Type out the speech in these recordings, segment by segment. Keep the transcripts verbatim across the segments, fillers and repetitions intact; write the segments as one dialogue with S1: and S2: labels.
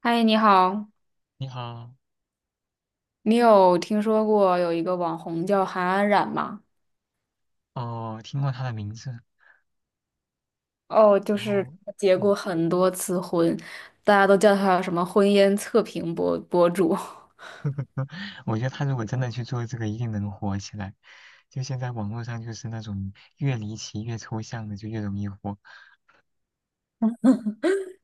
S1: 嗨，你好，
S2: 你好。
S1: 你有听说过有一个网红叫韩安冉吗？
S2: 哦，听过他的名字。
S1: 哦，就
S2: 然
S1: 是
S2: 后，
S1: 她结
S2: 嗯，
S1: 过很多次婚，大家都叫她什么婚姻测评博博主。
S2: 我觉得他如果真的去做这个，一定能火起来。就现在网络上就是那种越离奇、越抽象的，就越容易火。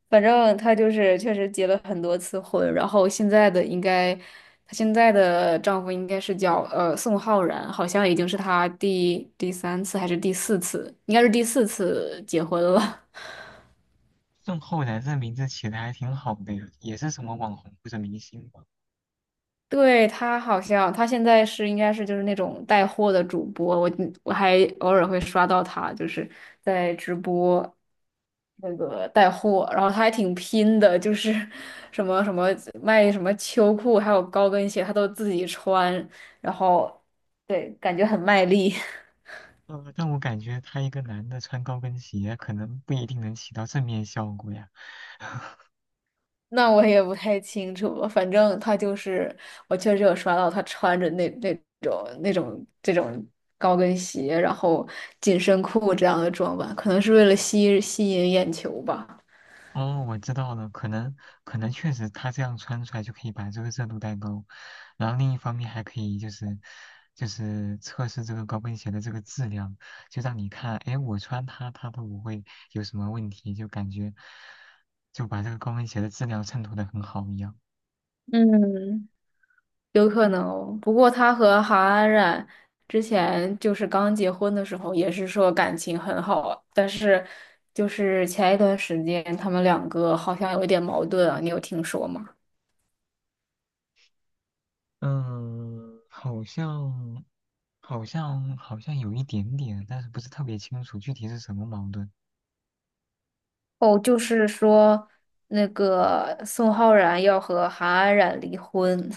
S1: 反正她就是确实结了很多次婚，然后现在的应该，她现在的丈夫应该是叫呃宋浩然，好像已经是她第第三次还是第四次，应该是第四次结婚了。
S2: 郑浩然这名字起的还挺好的呀，也是什么网红或者明星吧。
S1: 对，他好像，他现在是应该是就是那种带货的主播，我我还偶尔会刷到他，就是在直播那个带货，然后他还挺拼的，就是 什么什么卖什么秋裤，还有高跟鞋，他都自己穿，然后对，感觉很卖力。
S2: 呃，但我感觉他一个男的穿高跟鞋，可能不一定能起到正面效果呀。
S1: 那我也不太清楚了反正他就是，我确实有刷到他穿着那那种那种这种高跟鞋，然后紧身裤这样的装扮，可能是为了吸吸引眼球吧。
S2: 哦，我知道了，可能可能确实他这样穿出来就可以把这个热度带高，然后另一方面还可以就是就是测试这个高跟鞋的这个质量，就让你看，哎，我穿它它都不会有什么问题，就感觉就把这个高跟鞋的质量衬托的很好一样。
S1: 嗯，有可能哦不过他和韩安冉之前就是刚结婚的时候，也是说感情很好，但是就是前一段时间他们两个好像有一点矛盾啊，你有听说吗？
S2: 嗯，好像好像好像有一点点，但是不是特别清楚具体是什么矛盾
S1: 哦，就是说那个宋浩然要和韩安冉离婚。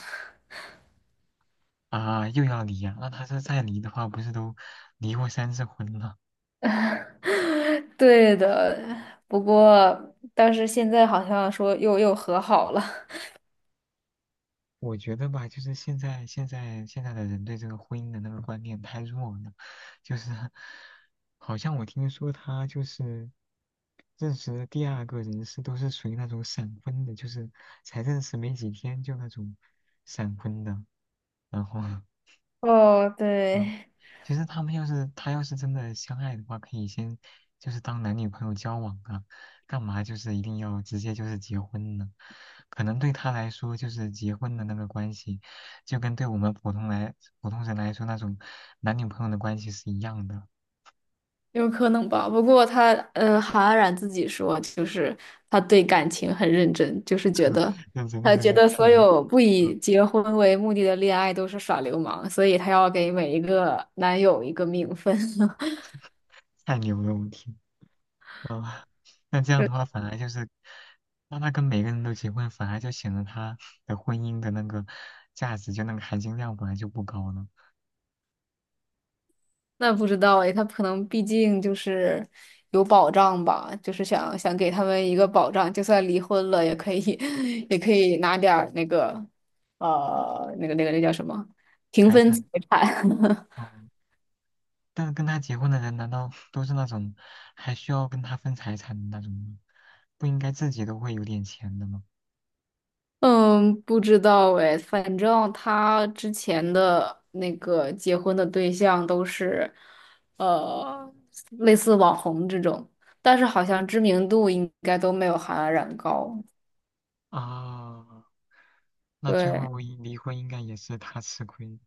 S2: 啊？又要离呀、那他是再离的话，不是都离过三次婚了？
S1: 对的，不过但是现在好像说又又和好了。
S2: 我觉得吧，就是现在现在现在的人对这个婚姻的那个观念太弱了，就是 好像我听说他就是认识的第二个人是都是属于那种闪婚的，就是才认识没几天就那种闪婚的，然后
S1: 哦，
S2: 嗯，
S1: 对，
S2: 其实他们要是他要是真的相爱的话，可以先就是当男女朋友交往啊，干嘛就是一定要直接就是结婚呢？可能对他来说，就是结婚的那个关系，就跟对我们普通来普通人来说那种男女朋友的关系是一样的。
S1: 有可能吧。不过他，呃，韩安冉自己说，就是他对感情很认真，就是觉得
S2: 认真
S1: 他
S2: 认真
S1: 觉
S2: 个
S1: 得所
S2: 屁
S1: 有不以
S2: 啊！
S1: 结婚为目的的恋爱都是耍流氓，所以他要给每一个男友一个名分。
S2: 太牛了，我天啊！那这样的话，反而就是让他跟每个人都结婚，反而就显得他的婚姻的那个价值，就那个含金量本来就不高了。
S1: 那不知道哎，他可能毕竟就是有保障吧，就是想想给他们一个保障，就算离婚了也可以，也可以拿点儿那个，呃，那个那个那叫什么平
S2: 财
S1: 分
S2: 产。
S1: 财产。
S2: 哦，但是跟他结婚的人难道都是那种还需要跟他分财产的那种吗？不应该自己都会有点钱的吗？
S1: 嗯，不知道哎，反正他之前的那个结婚的对象都是，呃，类似网红这种，但是好像知名度应该都没有韩安冉高。
S2: 啊，那最
S1: 对。
S2: 后一离婚应该也是他吃亏。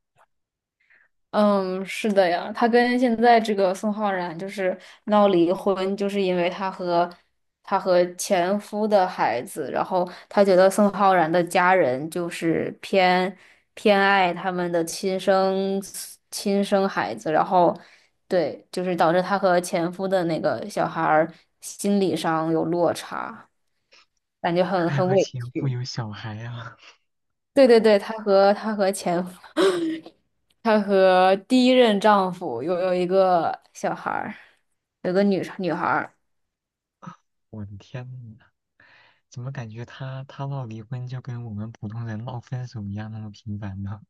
S1: 嗯，是的呀，他跟现在这个宋浩然就是闹离婚，就是因为他和他和前夫的孩子，然后他觉得宋浩然的家人就是偏偏爱他们的亲生亲生孩子，然后对，就是导致他和前夫的那个小孩儿心理上有落差，感觉 很
S2: 还
S1: 很
S2: 和
S1: 委
S2: 前夫
S1: 屈。
S2: 有小孩啊！
S1: 对对对，她和她和前夫，她和第一任丈夫有有一个小孩儿，有个女女孩儿。
S2: 我的天呐，怎么感觉他他闹离婚就跟我们普通人闹分手一样那么频繁呢？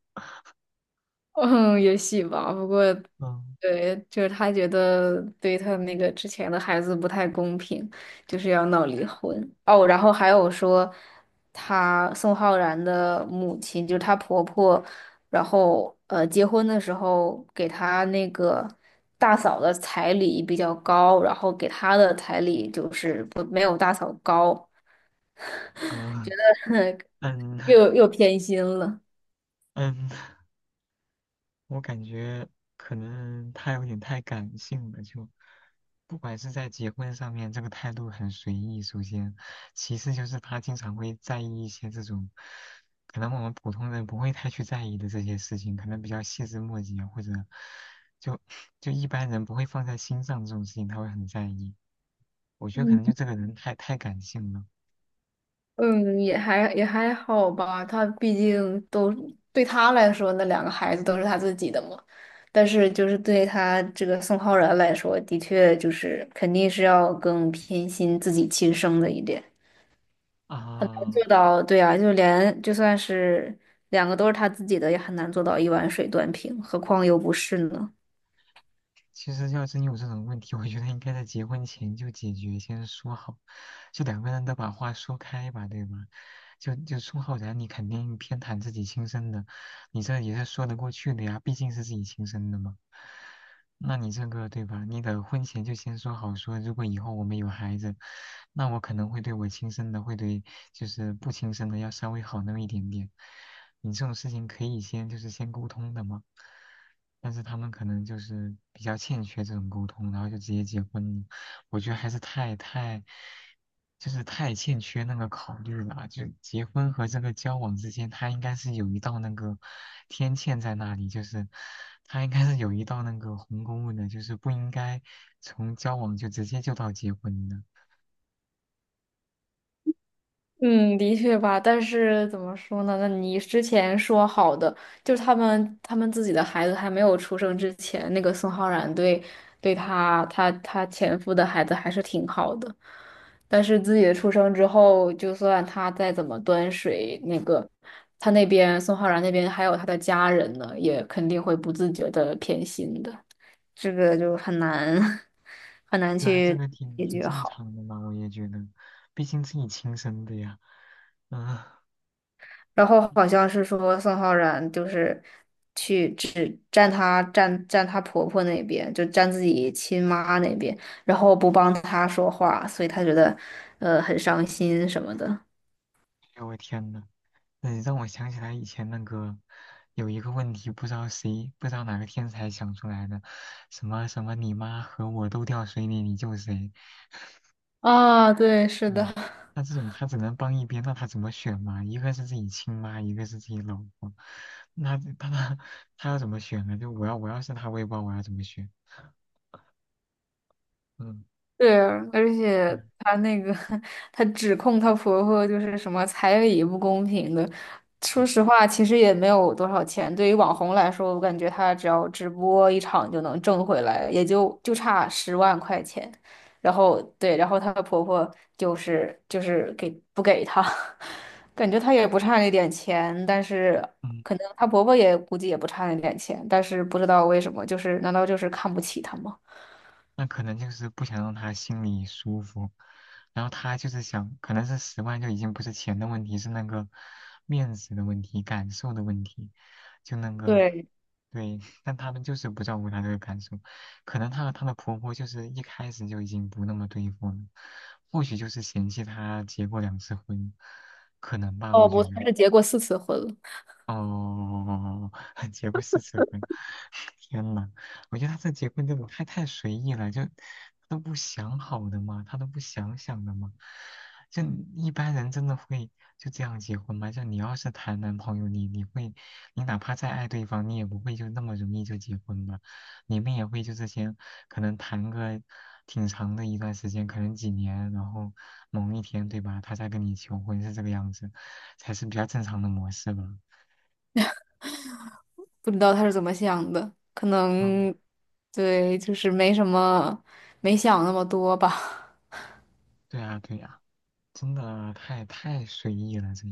S1: 嗯，也许吧。不过，
S2: 嗯
S1: 对，就是他觉得对他那个之前的孩子不太公平，就是要闹离婚。哦，然后还有说，他宋浩然的母亲，就是她婆婆，然后呃，结婚的时候给他那个大嫂的彩礼比较高，然后给他的彩礼就是不没有大嫂高，
S2: 嗯 嗯
S1: 又又偏心了。
S2: 嗯，我感觉可能他有点太感性了，就不管是在结婚上面，这个态度很随意。首先，其次就是他经常会在意一些这种可能我们普通人不会太去在意的这些事情，可能比较细枝末节，或者就就一般人不会放在心上这种事情，他会很在意。我觉得可能就这个人太太感性了
S1: 嗯，也还也还好吧，他毕竟都对他来说，那两个孩子都是他自己的嘛。但是就是对他这个宋浩然来说，的确就是肯定是要更偏心自己亲生的一点，很难做
S2: 啊。
S1: 到。对啊，就连就算是两个都是他自己的，也很难做到一碗水端平，何况又不是呢？
S2: 其实要真有这种问题，我觉得应该在结婚前就解决，先说好，就两个人都把话说开吧，对吧？就就宋浩然后你肯定偏袒自己亲生的，你这也是说得过去的呀，毕竟是自己亲生的嘛。那你这个对吧？你得婚前就先说好说，如果以后我们有孩子，那我可能会对我亲生的会对就是不亲生的要稍微好那么一点点。你这种事情可以先就是先沟通的嘛，但是他们可能就是比较欠缺这种沟通，然后就直接结婚了。我觉得还是太太就是太欠缺那个考虑了，就结婚和这个交往之间，他应该是有一道那个天堑在那里，就是他应该是有一道那个鸿沟的，就是不应该从交往就直接就到结婚的。
S1: 嗯，的确吧，但是怎么说呢？那你之前说好的，就是他们他们自己的孩子还没有出生之前，那个宋浩然对对他他他前夫的孩子还是挺好的，但是自己的出生之后，就算他再怎么端水，那个他那边宋浩然那边还有他的家人呢，也肯定会不自觉的偏心的，这个就很难 很难
S2: 对啊，这
S1: 去
S2: 个挺
S1: 解
S2: 挺
S1: 决
S2: 正
S1: 好。
S2: 常的嘛，我也觉得，毕竟自己亲生的呀。嗯，哎
S1: 然后好像是说宋浩然就是去只站她站站她婆婆那边，就站自己亲妈那边，然后不帮她说话，所以她觉得呃很伤心什么的。
S2: 呦我天呐。嗯让我想起来以前那个有一个问题，不知道谁，不知道哪个天才想出来的，什么什么你妈和我都掉水里，你救谁？
S1: 啊，对，是
S2: 对，
S1: 的。
S2: 那这种他只能帮一边，那他怎么选嘛？一个是自己亲妈，一个是自己老婆，那他他他要怎么选呢？就我要我要是他，我也不知道我要怎么选。嗯，
S1: 对啊，而
S2: 对
S1: 且
S2: 啊
S1: 她那个，她指控她婆婆就是什么彩礼不公平的。说
S2: 嗯
S1: 实话，其实也没有多少钱。对于网红来说，我感觉她只要直播一场就能挣回来，也就就差十万块钱。然后对，然后她的婆婆就是就是给不给她，感觉她也不差那点钱，但是
S2: 嗯。
S1: 可能她婆婆也估计也不差那点钱，但是不知道为什么，就是难道就是看不起她吗？
S2: 那可能就是不想让他心里舒服，然后他就是想，可能是十万就已经不是钱的问题，是那个面子的问题、感受的问题，就那个
S1: 对，
S2: 对。但他们就是不照顾他这个感受，可能她和她的婆婆就是一开始就已经不那么对付了，或许就是嫌弃她结过两次婚，可能吧，
S1: 哦
S2: 我觉
S1: 不，他
S2: 得。
S1: 是结过四次婚了，
S2: 哦，结过四次婚。天呐，我觉得他这结婚这种太太随意了，就他都不想好的吗？他都不想想的吗？就一般人真的会就这样结婚吗？就你要是谈男朋友，你你会，你哪怕再爱对方，你也不会就那么容易就结婚吧？你们也会就这些，可能谈个挺长的一段时间，可能几年，然后某一天，对吧？他再跟你求婚是这个样子，才是比较正常的模式吧？
S1: 不知道他是怎么想的，可
S2: 嗯，
S1: 能对，就是没什么，没想那么多吧。
S2: 对呀，对呀，真的太太随意了这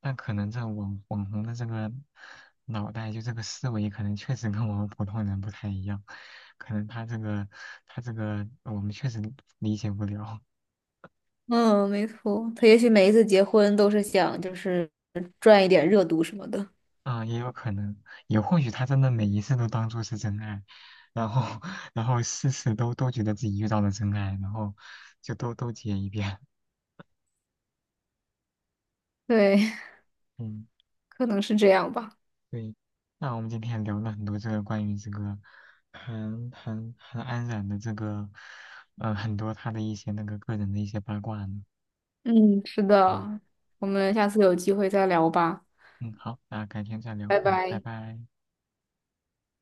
S2: 但可能这网网红的这个脑袋，就这个思维，可能确实跟我们普通人不太一样。可能他这个他这个，我们确实理解不了。
S1: 嗯，没错，他也许每一次结婚都是想就是赚一点热度什么的。
S2: 啊，也有可能，也或许他真的每一次都当做是真爱，然后 然后事事都都觉得自己遇到了真爱，然后就都都结一遍。
S1: 对，
S2: 嗯
S1: 可能是这样吧。
S2: 对，那我们今天聊了很多这个关于这个韩韩韩安冉的这个，呃，很多他的一些那个个人的一些八卦呢。
S1: 嗯，是
S2: 嗯
S1: 的，我们下次有机会再聊吧，
S2: 嗯，好，那改天再聊。
S1: 拜
S2: 嗯，拜
S1: 拜。
S2: 拜。